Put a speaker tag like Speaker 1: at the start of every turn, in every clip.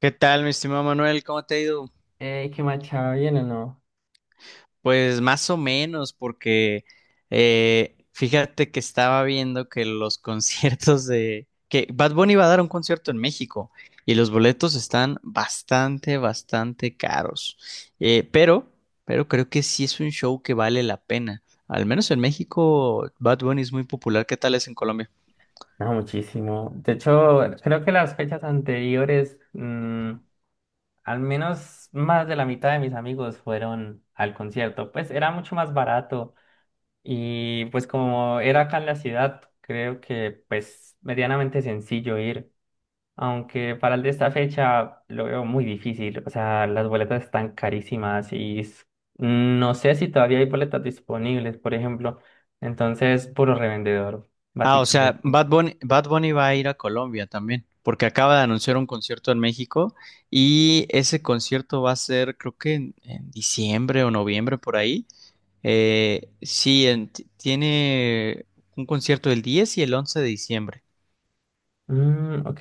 Speaker 1: ¿Qué tal, mi estimado Manuel? ¿Cómo te ha ido?
Speaker 2: Ey, ¿qué marcha bien o no?
Speaker 1: Pues más o menos, porque fíjate que estaba viendo que los conciertos de que Bad Bunny va a dar un concierto en México y los boletos están bastante, bastante caros. Eh, pero, pero creo que sí es un show que vale la pena. Al menos en México, Bad Bunny es muy popular. ¿Qué tal es en Colombia?
Speaker 2: No, muchísimo. De hecho, creo que las fechas anteriores, al menos más de la mitad de mis amigos fueron al concierto. Pues era mucho más barato y pues como era acá en la ciudad, creo que pues medianamente sencillo ir. Aunque para el de esta fecha lo veo muy difícil. O sea, las boletas están carísimas no sé si todavía hay boletas disponibles, por ejemplo. Entonces, puro revendedor,
Speaker 1: Ah, o sea,
Speaker 2: básicamente.
Speaker 1: Bad Bunny va a ir a Colombia también, porque acaba de anunciar un concierto en México y ese concierto va a ser, creo que en diciembre o noviembre por ahí. Sí, tiene un concierto el 10 y el 11 de diciembre.
Speaker 2: Mm, ok.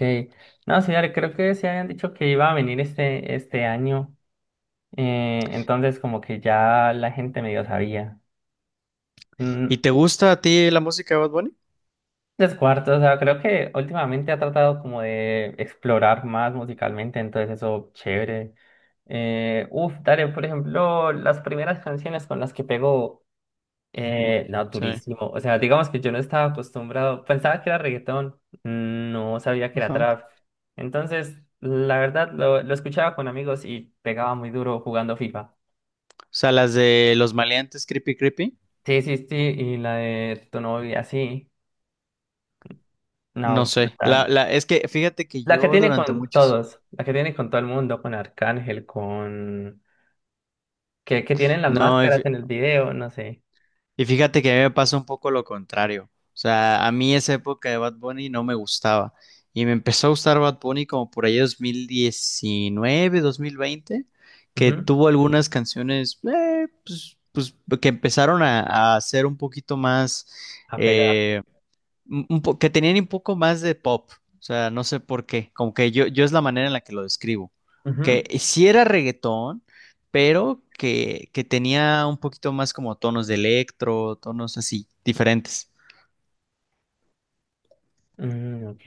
Speaker 2: No, señores, creo que se habían dicho que iba a venir este año. Entonces, como que ya la gente medio sabía.
Speaker 1: ¿Y
Speaker 2: Mm.
Speaker 1: te gusta a ti la música de Bad Bunny?
Speaker 2: Descuarto, o sea, creo que últimamente ha tratado como de explorar más musicalmente, entonces eso, chévere. Uf, dale, por ejemplo, las primeras canciones con las que pegó, no,
Speaker 1: Sí.
Speaker 2: durísimo. O sea, digamos que yo no estaba acostumbrado, pensaba que era reggaetón, no sabía que era
Speaker 1: Ajá. O
Speaker 2: trap. Entonces, la verdad, lo escuchaba con amigos y pegaba muy duro jugando FIFA.
Speaker 1: sea, las de Los Maleantes Creepy Creepy.
Speaker 2: Sí, sí, sí, y la de tu novia, sí.
Speaker 1: No
Speaker 2: No,
Speaker 1: sé.
Speaker 2: brutal.
Speaker 1: Es que fíjate que
Speaker 2: La que
Speaker 1: yo
Speaker 2: tiene
Speaker 1: durante
Speaker 2: con
Speaker 1: muchos...
Speaker 2: todos, la que tiene con todo el mundo, con Arcángel, con... Que tienen las
Speaker 1: No.
Speaker 2: máscaras en el video, no sé.
Speaker 1: Y fíjate que a mí me pasa un poco lo contrario. O sea, a mí esa época de Bad Bunny no me gustaba. Y me empezó a gustar Bad Bunny como por ahí 2019, 2020, que
Speaker 2: Ujú.
Speaker 1: tuvo algunas canciones que empezaron a ser un poquito más,
Speaker 2: A pegar.
Speaker 1: eh, que tenían un poco más de pop. O sea, no sé por qué. Como que yo es la manera en la que lo describo.
Speaker 2: Ujú,
Speaker 1: Que sí era reggaetón, pero que tenía un poquito más como tonos de electro, tonos así, diferentes.
Speaker 2: mm, ok.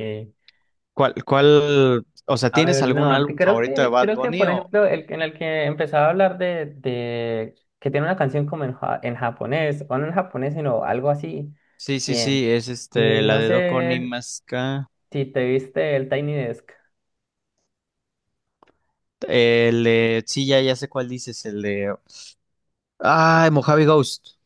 Speaker 1: O sea,
Speaker 2: A
Speaker 1: tienes
Speaker 2: ver,
Speaker 1: algún
Speaker 2: no,
Speaker 1: álbum favorito de Bad
Speaker 2: creo que,
Speaker 1: Bunny
Speaker 2: por
Speaker 1: o?
Speaker 2: ejemplo, el en el que empezaba a hablar de que tiene una canción como en, en japonés, o no en japonés, sino algo así.
Speaker 1: Sí, sí,
Speaker 2: Bien.
Speaker 1: sí, es
Speaker 2: Y
Speaker 1: este, la
Speaker 2: no
Speaker 1: de Doko Ni
Speaker 2: sé
Speaker 1: Maska.
Speaker 2: si te viste el Tiny Desk.
Speaker 1: El de, sí, ya, ya sé cuál dices, el de, ah, Mojave Ghost.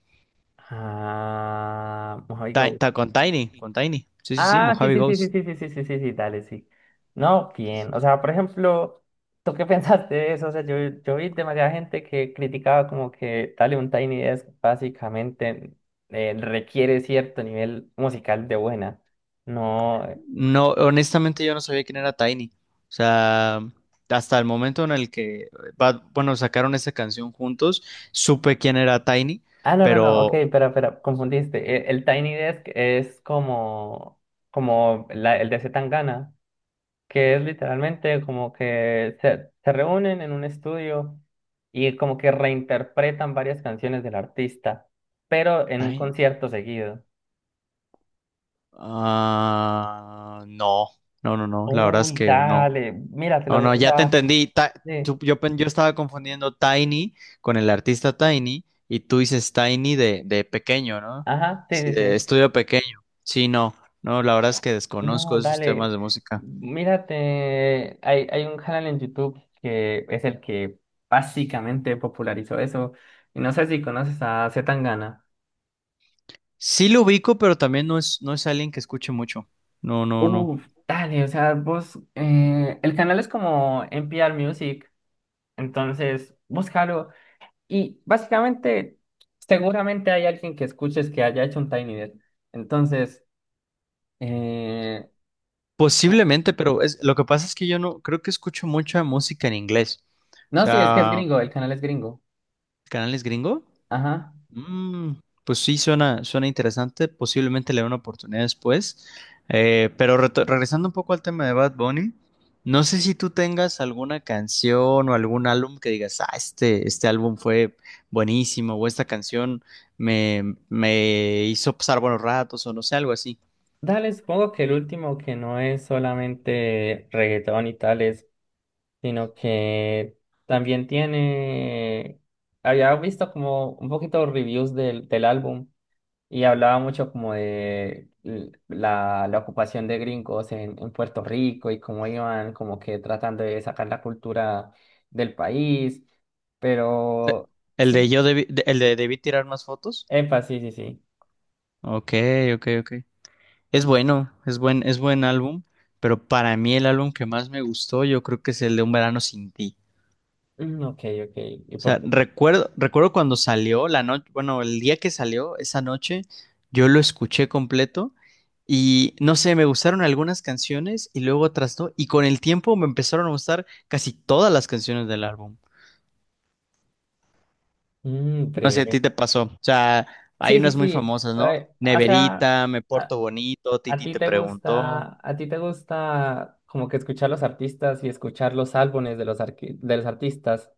Speaker 2: Ah, Mojave Go.
Speaker 1: Con Tiny. Sí, sí, sí,
Speaker 2: Ah, sí,
Speaker 1: Mojave
Speaker 2: sí, sí, sí,
Speaker 1: Ghost.
Speaker 2: sí, sí, sí, sí, sí, sí, dale, sí. No, bien. O sea, por ejemplo, ¿tú qué pensaste de eso? O sea, yo vi demasiada gente que criticaba como que dale un Tiny Desk básicamente requiere cierto nivel musical de buena. No.
Speaker 1: No, honestamente yo no sabía quién era Tiny. O sea, hasta el momento en el que bueno, sacaron esa canción juntos, supe quién era Tiny,
Speaker 2: Ah, no, no, no, ok,
Speaker 1: pero...
Speaker 2: espera, espera, confundiste. El, Tiny Desk es como, como el de C. Tangana, que es literalmente como que se reúnen en un estudio y como que reinterpretan varias canciones del artista, pero en un
Speaker 1: Tiny-
Speaker 2: concierto seguido.
Speaker 1: Ah, no, no, no, no, la verdad es
Speaker 2: Uy,
Speaker 1: que no.
Speaker 2: dale,
Speaker 1: No,
Speaker 2: míratelo,
Speaker 1: no,
Speaker 2: o
Speaker 1: ya te
Speaker 2: sea,
Speaker 1: entendí.
Speaker 2: sí,
Speaker 1: Yo, yo estaba confundiendo Tiny con el artista Tiny y tú dices Tiny de pequeño, ¿no?
Speaker 2: ajá,
Speaker 1: Sí,
Speaker 2: sí, sí,
Speaker 1: de
Speaker 2: sí.
Speaker 1: estudio pequeño. Sí, no, no, la verdad es que desconozco
Speaker 2: No,
Speaker 1: esos temas
Speaker 2: dale,
Speaker 1: de música.
Speaker 2: mírate, hay un canal en YouTube que es el que básicamente popularizó eso, y no sé si conoces a C. Tangana.
Speaker 1: Sí lo ubico, pero también no es alguien que escuche mucho. No, no, no.
Speaker 2: Uf, dale, o sea, vos, el canal es como NPR Music, entonces búscalo y básicamente seguramente hay alguien que escuches que haya hecho un Tiny Dead entonces, eh,
Speaker 1: Posiblemente, pero es, lo que pasa es que yo no creo que escucho mucha música en inglés. O
Speaker 2: no, sí, es que es
Speaker 1: sea,
Speaker 2: gringo, el canal es gringo,
Speaker 1: canales gringo.
Speaker 2: ajá,
Speaker 1: Mm, pues sí, suena, suena interesante. Posiblemente le dé una oportunidad después. Regresando un poco al tema de Bad Bunny, no sé si tú tengas alguna canción o algún álbum que digas, ah, este álbum fue buenísimo o esta canción me hizo pasar buenos ratos o no sé, algo así.
Speaker 2: dale, supongo que el último que no es solamente reggaetón y tales, sino que también tiene, había visto como un poquito reviews del, del álbum. Y hablaba mucho como de la, la ocupación de gringos en Puerto Rico y cómo iban como que tratando de sacar la cultura del país.
Speaker 1: Pe-
Speaker 2: Pero
Speaker 1: El de
Speaker 2: sí,
Speaker 1: yo debí, el de debí tirar más fotos.
Speaker 2: epa, sí, sí, sí.
Speaker 1: Ok, ok, ok. Es bueno, es buen álbum. Pero para mí el álbum que más me gustó, yo creo que es el de Un Verano Sin Ti.
Speaker 2: Mm, ok, ok. ¿Y
Speaker 1: O
Speaker 2: por
Speaker 1: sea,
Speaker 2: qué?
Speaker 1: recuerdo cuando salió la noche, bueno, el día que salió, esa noche, yo lo escuché completo y no sé, me gustaron algunas canciones y luego otras no, y con el tiempo me empezaron a gustar casi todas las canciones del álbum.
Speaker 2: Mm,
Speaker 1: No sé, a
Speaker 2: breve.
Speaker 1: ti te pasó. O sea, hay
Speaker 2: Sí, sí,
Speaker 1: unas muy
Speaker 2: sí.
Speaker 1: famosas, ¿no?
Speaker 2: O sea,
Speaker 1: Neverita, Me
Speaker 2: a,
Speaker 1: Porto Bonito,
Speaker 2: a
Speaker 1: Titi
Speaker 2: ti
Speaker 1: te
Speaker 2: te
Speaker 1: preguntó.
Speaker 2: gusta, a ti te gusta como que escuchar los artistas y escuchar los álbumes de los, de los artistas.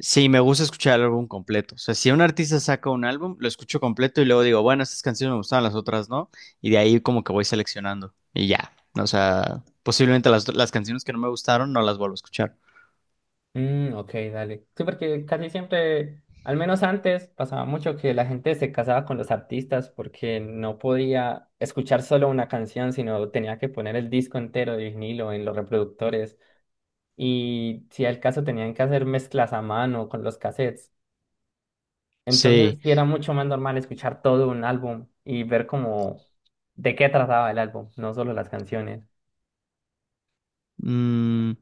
Speaker 1: Sí, me gusta escuchar el álbum completo. O sea, si un artista saca un álbum, lo escucho completo y luego digo, bueno, estas canciones me gustaban, las otras no. Y de ahí como que voy seleccionando. Y ya. O sea, posiblemente las canciones que no me gustaron no las vuelvo a escuchar.
Speaker 2: Mm, ok, dale. Sí, porque casi siempre, al menos antes, pasaba mucho que la gente se casaba con los artistas porque no podía escuchar solo una canción, sino tenía que poner el disco entero de vinilo en los reproductores. Y si era el caso, tenían que hacer mezclas a mano con los cassettes. Entonces,
Speaker 1: Sí.
Speaker 2: sí era mucho más normal escuchar todo un álbum y ver como de qué trataba el álbum, no solo las canciones.
Speaker 1: Mm,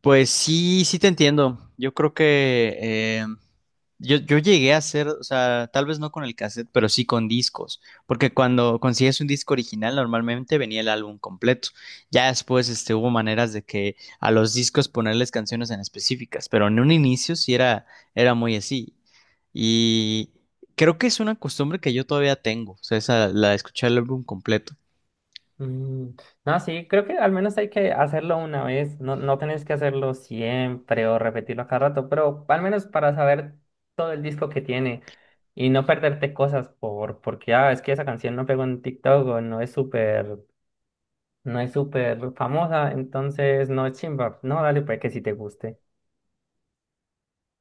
Speaker 1: pues sí, sí te entiendo. Yo creo que yo, yo llegué a hacer, o sea, tal vez no con el cassette, pero sí con discos, porque cuando consigues un disco original normalmente venía el álbum completo. Ya después este, hubo maneras de que a los discos ponerles canciones en específicas, pero en un inicio sí era muy así. Y creo que es una costumbre que yo todavía tengo, o sea, esa, la de escuchar el álbum completo.
Speaker 2: Mm. No, sí, creo que al menos hay que hacerlo una vez, no, no tenés que hacerlo siempre o repetirlo a cada rato, pero al menos para saber todo el disco que tiene y no perderte cosas por, porque, ah, es que esa canción no pegó en TikTok o no es súper, no es súper famosa, entonces no es chimba, no, dale, pues que si te guste.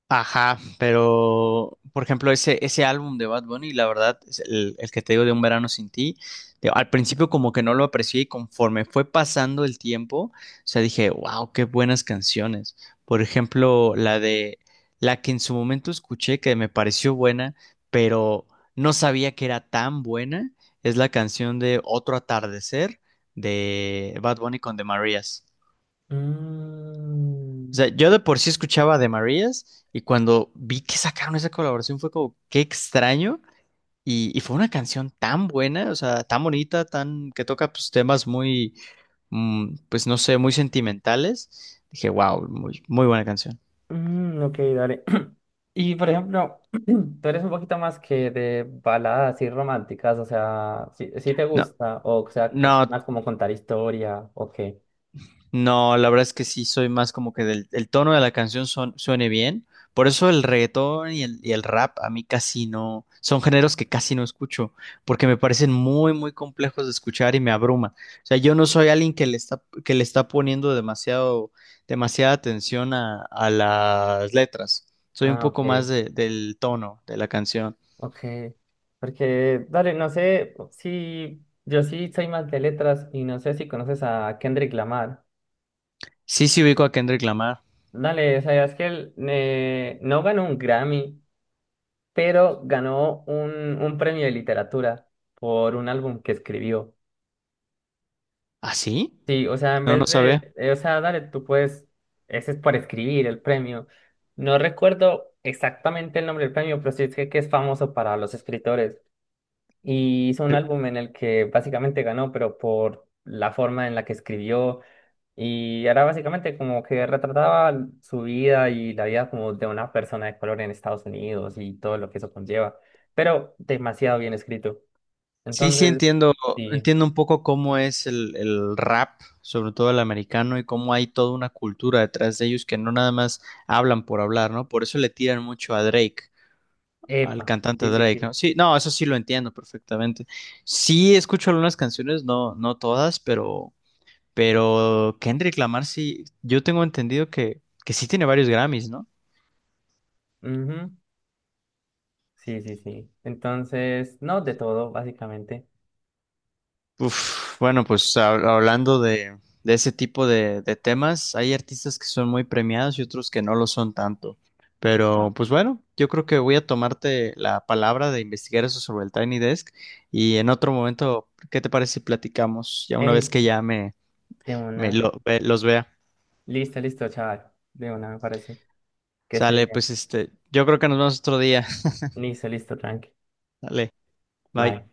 Speaker 1: Ajá, pero por ejemplo, ese álbum de Bad Bunny, la verdad, es el que te digo de Un Verano Sin Ti, al principio como que no lo aprecié y conforme fue pasando el tiempo, o sea, dije, wow, qué buenas canciones. Por ejemplo, la que en su momento escuché que me pareció buena, pero no sabía que era tan buena, es la canción de Otro Atardecer de Bad Bunny con The Marías. O sea,
Speaker 2: Mm,
Speaker 1: yo de por sí escuchaba de Marías y cuando vi que sacaron esa colaboración fue como, qué extraño. Y fue una canción tan buena, o sea, tan bonita, tan que toca pues, temas muy, mm, pues no sé, muy sentimentales. Dije, wow, muy, muy buena canción.
Speaker 2: mm, ok, dale. Y por ejemplo, tú eres un poquito más que de baladas y románticas, o sea, si, te
Speaker 1: No,
Speaker 2: gusta, o sea,
Speaker 1: no,
Speaker 2: más como contar historia, o qué.
Speaker 1: no, la verdad es que sí, soy más como que del el tono de la canción suene bien. Por eso el reggaetón y el rap a mí casi no, son géneros que casi no escucho, porque me parecen muy, muy complejos de escuchar y me abruma. O sea, yo no soy alguien que que le está poniendo demasiada atención a las letras. Soy un
Speaker 2: Ah, ok,
Speaker 1: poco más del tono de la canción.
Speaker 2: ok. Porque, dale, no sé si yo sí soy más de letras y no sé si conoces a Kendrick Lamar.
Speaker 1: Sí, sí ubico a Kendrick Lamar.
Speaker 2: Dale, o sea, es que él no ganó un Grammy, pero ganó un premio de literatura por un álbum que escribió.
Speaker 1: ¿Ah, sí?
Speaker 2: Sí, o sea, en
Speaker 1: No,
Speaker 2: vez
Speaker 1: no
Speaker 2: de,
Speaker 1: sabía.
Speaker 2: o sea, dale, tú puedes, ese es por escribir el premio. No recuerdo exactamente el nombre del premio, pero sí sé que es famoso para los escritores. Y hizo un álbum en el que básicamente ganó, pero por la forma en la que escribió. Y era básicamente como que retrataba su vida y la vida como de una persona de color en Estados Unidos y todo lo que eso conlleva. Pero demasiado bien escrito.
Speaker 1: Sí, sí
Speaker 2: Entonces,
Speaker 1: entiendo,
Speaker 2: sí,
Speaker 1: entiendo un poco cómo es el rap, sobre todo el americano, y cómo hay toda una cultura detrás de ellos que no nada más hablan por hablar, ¿no? Por eso le tiran mucho a Drake, al
Speaker 2: epa,
Speaker 1: cantante
Speaker 2: sí, sí,
Speaker 1: Drake, ¿no?
Speaker 2: sí.
Speaker 1: Sí, no, eso sí lo entiendo perfectamente. Sí escucho algunas canciones, no, no todas, pero Kendrick Lamar sí, yo tengo entendido que sí tiene varios Grammys, ¿no?
Speaker 2: Ujú. Sí, sí, sí. Entonces, no, de todo, básicamente.
Speaker 1: Uf, bueno, pues hablando de ese tipo de temas, hay artistas que son muy premiados y otros que no lo son tanto. Pero pues bueno, yo creo que voy a tomarte la palabra de investigar eso sobre el Tiny Desk y en otro momento, ¿qué te parece si platicamos ya una
Speaker 2: Ey,
Speaker 1: vez que ya
Speaker 2: de una.
Speaker 1: los vea?
Speaker 2: Listo, listo, chaval. De una, me parece. Que se
Speaker 1: Sale,
Speaker 2: bien.
Speaker 1: pues este, yo creo que nos vemos otro día.
Speaker 2: Listo, listo, tranqui.
Speaker 1: Dale, bye.
Speaker 2: Bye.